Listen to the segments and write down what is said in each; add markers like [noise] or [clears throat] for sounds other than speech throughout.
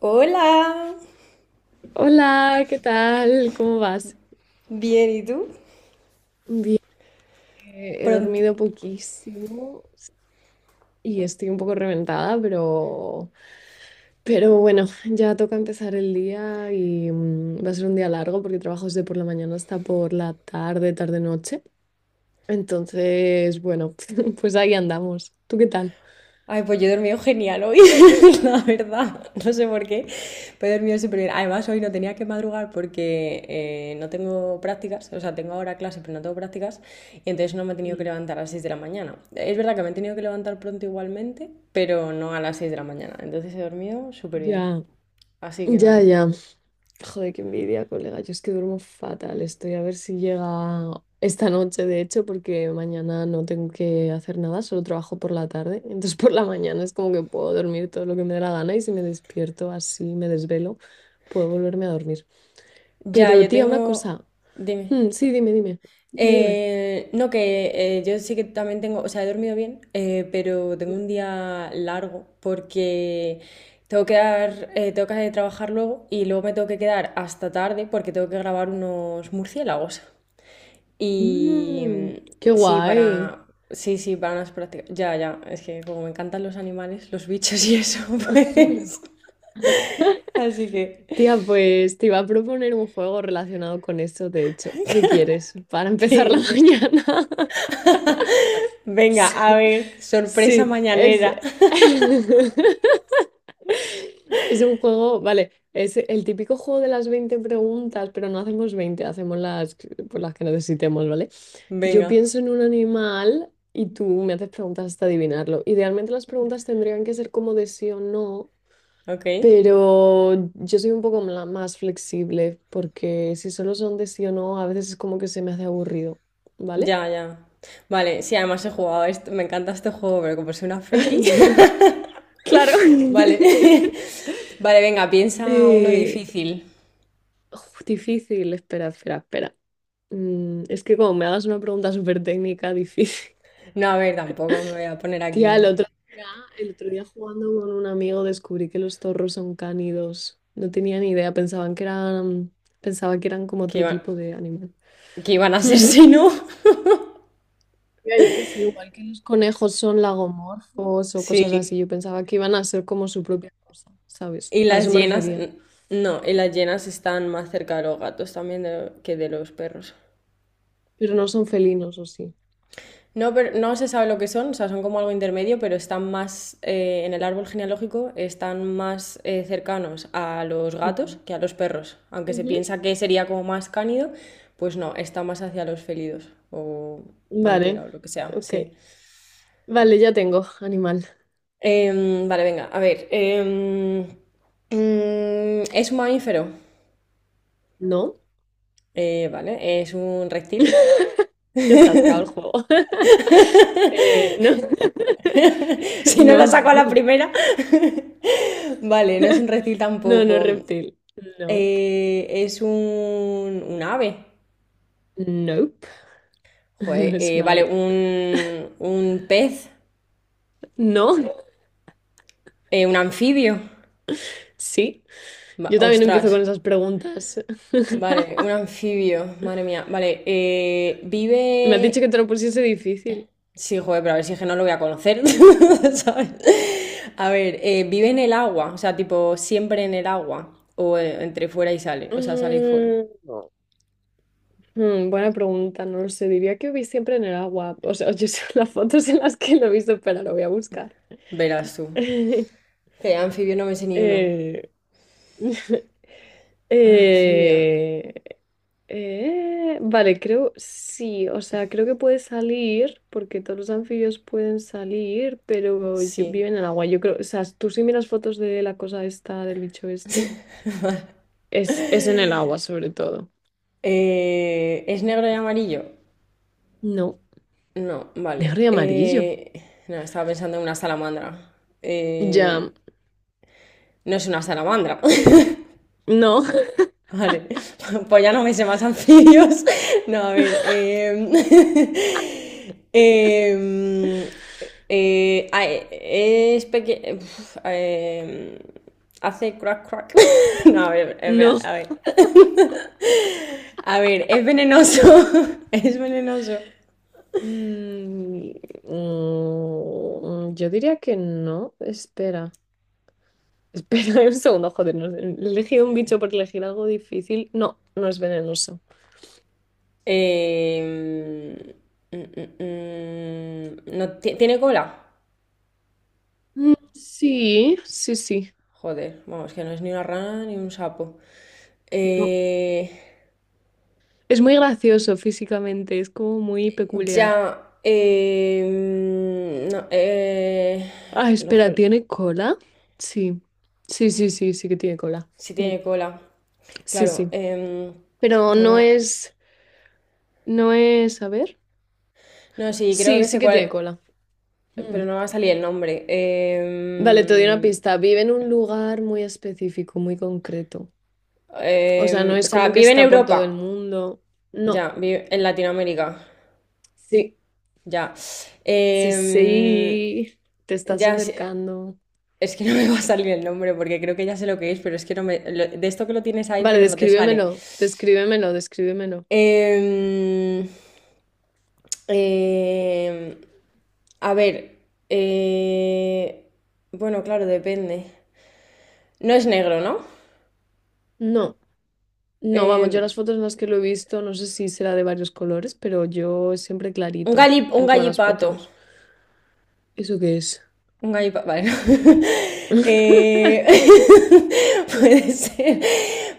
Hola, Hola, ¿qué tal? ¿Cómo vas? bien, ¿y tú? Bien, he Pronto. dormido poquísimo y estoy un poco reventada, pero bueno, ya toca empezar el día y va a ser un día largo porque trabajo desde por la mañana hasta por la tarde, tarde-noche. Entonces, bueno, [laughs] pues ahí andamos. ¿Tú qué tal? Ay, pues yo he dormido genial hoy, [laughs] la verdad. No sé por qué, pero he dormido súper bien. Además, hoy no tenía que madrugar porque no tengo prácticas, o sea, tengo ahora clase, pero no tengo prácticas, y entonces no me he tenido que Sí. levantar a las 6 de la mañana. Es verdad que me he tenido que levantar pronto igualmente, pero no a las 6 de la mañana. Entonces he dormido súper bien. Ya, Así que ya, nada. ya. Joder, qué envidia, colega. Yo es que duermo fatal. Estoy a ver si llega esta noche, de hecho, porque mañana no tengo que hacer nada, solo trabajo por la tarde. [laughs] Entonces por la mañana es como que puedo dormir todo lo que me dé la gana y si me despierto así, me desvelo, puedo volverme a dormir. Ya, Pero yo tía, una tengo... cosa. Dime. Mm, sí, dime, dime. Dime, dime. No, que yo sí que también tengo, o sea, he dormido bien, pero tengo un día largo porque tengo que dar, tengo que trabajar luego y luego me tengo que quedar hasta tarde porque tengo que grabar unos murciélagos. Y Mm, qué sí, guay. para, sí, sí, para unas prácticas. Ya, ya, es que como me encantan los animales, los bichos y eso, [laughs] pues. [laughs] Así que, Tía, pues te iba a proponer un juego relacionado con eso, de hecho, si quieres, para ¿qué empezar la [laughs] dice? mañana. Venga, a [laughs] ver, sorpresa Sí, es... mañanera. [laughs] Es un juego, vale, es el típico juego de las 20 preguntas, pero no hacemos 20 hacemos las, pues las que necesitemos, ¿vale? [laughs] Yo Venga, pienso en un animal y tú me haces preguntas hasta adivinarlo. Idealmente las preguntas tendrían que ser como de sí o no, ok. pero yo soy un poco más flexible porque si solo son de sí o no, a veces es como que se me hace aburrido, ¿vale? Ya, ya. Vale, sí, además he jugado a esto, me encanta este juego, pero como soy una friki, [laughs] [laughs] Claro. vale. [laughs] [laughs] Vale, venga, piensa uno Eh, difícil. uf, difícil, espera. Mm, es que como me hagas una pregunta súper técnica, difícil. No, a ver, tampoco me voy a poner [laughs] Tía, aquí día, el otro día jugando con un amigo descubrí que los zorros son cánidos. No tenía ni idea, pensaba que eran como que otro iban, tipo de animal. que iban a ser Mm. si no. [laughs] Mira, yo qué sé, igual que los conejos son lagomorfos o cosas así, Sí. yo pensaba que iban a ser como su propia cosa, ¿sabes? Y A eso las me llenas, refería. no, y las llenas están más cerca de los gatos también de- que de los perros. Pero no son felinos, ¿o sí? No, pero no se sabe lo que son, o sea, son como algo intermedio, pero están más en el árbol genealógico, están más cercanos a los gatos Mm. que a los perros. Aunque se Ujú. piensa que sería como más cánido, pues no, está más hacia los felidos o Vale, pantera o lo que sea, ok. sí. Vale, ya tengo animal. Vale, venga, a ver. Es un mamífero. No, Vale, es un [laughs] reptil. ya está sacado el juego. [laughs] No, [laughs] [laughs] Si no lo saco a la no, primera. [laughs] Vale, no es un reptil no, no es tampoco. reptil. No, Es un ave. nope, [laughs] nope. Joder, No es un vale, ave. Un pez, No, un anfibio. sí. Va- Yo también empiezo ostras, con esas preguntas. [laughs] vale, un anfibio, madre mía. Vale, Me has dicho vive. que te lo pusiese difícil. Sí, joder, pero a ver si es que no lo voy a conocer, [laughs] ¿sabes? A ver, vive en el agua, o sea, tipo, siempre en el agua, o entre fuera y sale, o sea, sale y fuera. Mm, no. Mm, buena pregunta, no lo sé. Diría que vi siempre en el agua. O sea, yo sé las fotos en las que lo he visto, pero lo voy a buscar. Verás tú. [laughs] Que anfibio no me sé ni uno. Eh, [laughs] Anfibio, Eh, vale, creo sí, o sea, creo que puede salir, porque todos los anfibios pueden salir, pero sí. viven en el agua. Yo creo, o sea, tú si miras fotos de la cosa esta, del bicho este, es en el agua sobre todo. ¿Es negro y amarillo? No, No, negro vale. y amarillo. No, estaba pensando en una salamandra. Ya, Eh, no es una salamandra. [laughs] no, [laughs] Vale. [laughs] Pues ya no me sé más anfibios. [laughs] No, a ver. [laughs] Em, es pequeño. Hace crack crack. [laughs] No, a ver, espera, no. a ver. A ver, es venenoso. [laughs] Es venenoso. Mm, yo diría que no, espera. Espera [laughs] un segundo, joder, no sé, he elegido un bicho por elegir algo difícil. No, no es venenoso. Eh, mm, mm, no, ti- ¿tiene cola? Mm, sí, sí, sí. Joder, vamos, que no es ni una rana ni un sapo. No. Eh, Es muy gracioso físicamente, es como muy peculiar. ya, no, Ah, ojo, espera, ¿tiene cola? Sí. Sí, sí, sí, sí que tiene cola. si Mm, tiene cola. sí, Claro, sí. Pero no, va- no es, a ver. no, sí, creo Sí, que sí sé que tiene cuál, cola. Mm. pero no va a salir el nombre. Vale, te doy una pista. Vive en un lugar muy específico, muy concreto. O sea, no O es sea, como que vive en está por todo el Europa, mundo. No. ya, vive en Latinoamérica. Sí. Ya. Sí, Em, sí, te estás ya sé- acercando. es que [laughs] no me va a salir el nombre porque creo que ya sé lo que es, pero es que no me. Lo- de esto que lo tienes ahí, Vale, pero no te sale. descríbemelo, descríbemelo, descríbemelo. Em, em, a ver. eh, bueno, claro, depende. No es negro, ¿no? No, no, vamos, yo Eh, las fotos en las que lo he visto, no sé si será de varios colores, pero yo siempre un clarito galli- un en todas las gallipato. fotos. ¿Eso qué es? Un gallipato. Vale, no. [laughs] [laughs] Eh, [laughs] puede ser.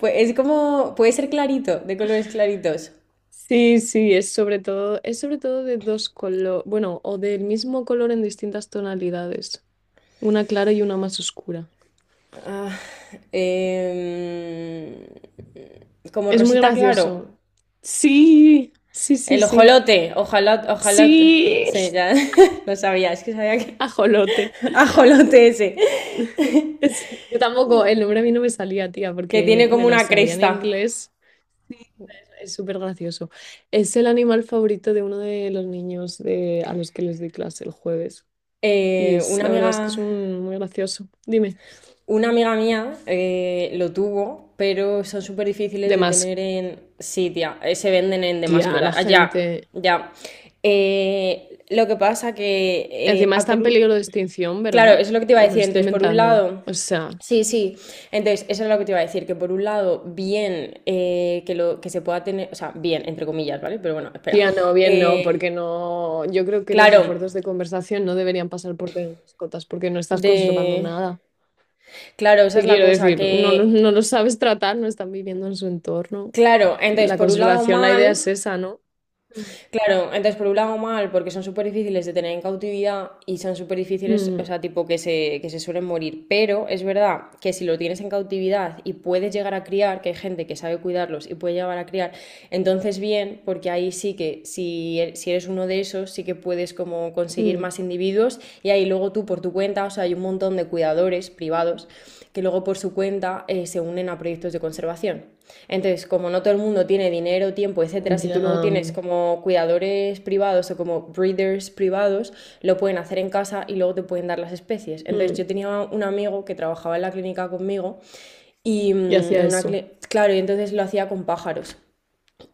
Pues es como. Puede ser clarito, de colores claritos. Sí, sí, es sobre todo de dos colores, bueno, o del mismo color en distintas tonalidades, una clara y una más oscura. Ah, em, como Es muy Rosita Claro. gracioso. Sí, sí, sí, El sí. ojolote. Ojalá, ojalá. Sí, Sí, ya [laughs] lo sabía. Es que sabía que. [laughs] ajolote. [laughs] Ajolote ese. Sí, yo tampoco, el nombre a mí no me salía, tía, Que porque tiene me como lo una sabía en cresta. inglés. Es súper gracioso. Es el animal favorito de uno de los niños de, a los que les doy clase el jueves. Y es, Una la verdad es que es amiga. un, muy gracioso. Dime. Una amiga mía lo tuvo, pero son súper difíciles De de más tener en. Sí, tía. Se venden en de tía, mascota. la Ah, ya, gente. ya. Lo que pasa que. Encima A está en por- peligro de extinción, Claro, ¿verdad? eso es lo que te iba a O me lo decir. estoy Entonces, por un inventando. lado, O sea, sí, sí. Entonces, eso es lo que te iba a decir, que por un lado, bien que lo que se pueda tener, o sea, bien, entre comillas, ¿vale? Pero bueno, espera. tía, no, bien no, porque Eh, no. Yo creo que los claro, esfuerzos de conversación no deberían pasar por tener mascotas, porque no estás de. conservando nada. Claro, esa Te es la quiero cosa, decir, no, que. no lo sabes tratar, no están viviendo en su entorno. Claro, entonces, La por un lado, conservación, la mal. idea es esa, ¿no? Mm. Claro, entonces por un lado mal, porque son súper difíciles de tener en cautividad y son súper difíciles, o Mm, sea, tipo que se suelen morir. Pero es verdad que si lo tienes en cautividad y puedes llegar a criar, que hay gente que sabe cuidarlos y puede llegar a criar, entonces bien, porque ahí sí que si, e- si eres uno de esos, sí que puedes como conseguir mm, más individuos y ahí luego tú por tu cuenta, o sea, hay un montón de cuidadores privados que luego por su cuenta se unen a proyectos de conservación. Entonces, como no todo el mundo tiene dinero, tiempo, etcétera, si tú ya, luego tienes como cuidadores privados o como breeders privados, lo pueden hacer en casa y luego te pueden dar las especies. Entonces, mm, yo tenía un amigo que trabajaba en la clínica conmigo y y hacia en una eso. cli- claro, y entonces lo hacía con pájaros.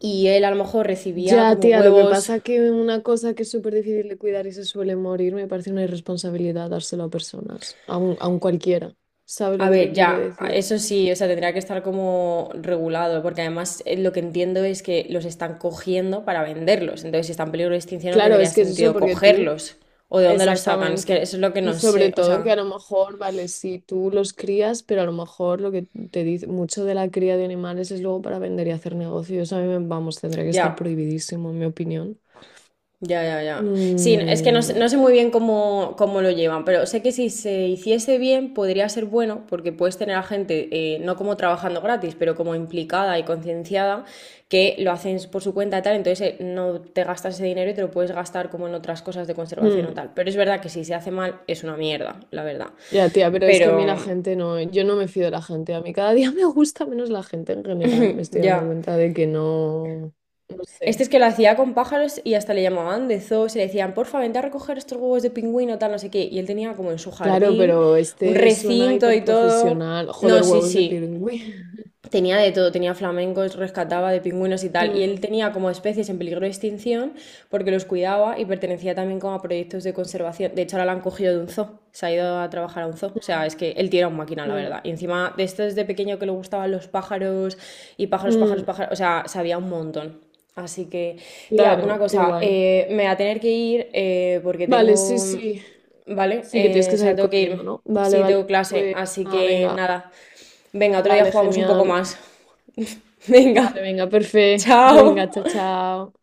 Y él a lo mejor recibía Ya, como tía, lo que huevos. pasa que una cosa que es súper difícil de cuidar y se suele morir, me parece una irresponsabilidad dárselo a personas, a un cualquiera. ¿Sabes lo A que te ver, quiero ya, decir? eso sí, o sea, tendría que estar como regulado, porque además lo que entiendo es que los están cogiendo para venderlos, entonces si están en peligro de extinción no Claro, tendría es que es eso sentido porque tú. cogerlos, o de dónde los sacan, es que Exactamente. eso es lo que Y no sé, sobre o todo que a sea, lo mejor, vale, si tú los crías, pero a lo mejor lo que te dice mucho de la cría de animales es luego para vender y hacer negocios. A mí, vamos, tendría que estar ya. prohibidísimo, en mi opinión. Ya, ya, ya. Sí, es que no, Mm, sé no sé muy bien cómo, cómo lo llevan, pero sé que si se hiciese bien podría ser bueno porque puedes tener a gente, no como trabajando gratis, pero como implicada y concienciada, que lo hacen por su cuenta y tal, entonces no te gastas ese dinero y te lo puedes gastar como en otras cosas de conservación o mm. tal. Pero es verdad que si se hace mal es una mierda, la verdad. Ya, tía, pero es que a mí la Pero gente no, yo no me fío de la gente. A mí cada día [laughs] me gusta menos la gente en general. Me [clears throat] [laughs] estoy dando ya. cuenta de que no, no sé. Este es que lo hacía con pájaros y hasta le llamaban de zoo, se le decían, porfa, vente a recoger estos huevos de pingüino, tal, no sé qué. Y él tenía como en su Claro, jardín pero un este suena recinto y todo. hiperprofesional. No, Joder, sí, huevos de sí. pingüino. Tenía de todo, tenía flamencos, rescataba de pingüinos y [laughs] tal. Y él Mm, tenía como especies en peligro de extinción porque los cuidaba y pertenecía también como a proyectos de conservación. De hecho, ahora la han cogido de un zoo, se ha ido a trabajar a un zoo. O sea, mm, es que él tiene un máquina, la verdad. mm, Y encima de esto desde pequeño que le gustaban los pájaros y pájaros, pájaros, mm. pájaros. O sea, sabía un montón. Así que, tía, una Claro, qué cosa, guay. Me voy a tener que ir porque Vale, sí, tengo. sí. Vale, Sí que tienes que o sea, salir tengo que corriendo, irme. ¿no? Vale, Sí, tengo vale. clase, Pues así nada, que venga. nada. Venga, otro día Vale, jugamos un poco genial. más. [laughs] Vale, Venga, venga, perfecto. [laughs] Venga, chao, chao. chao.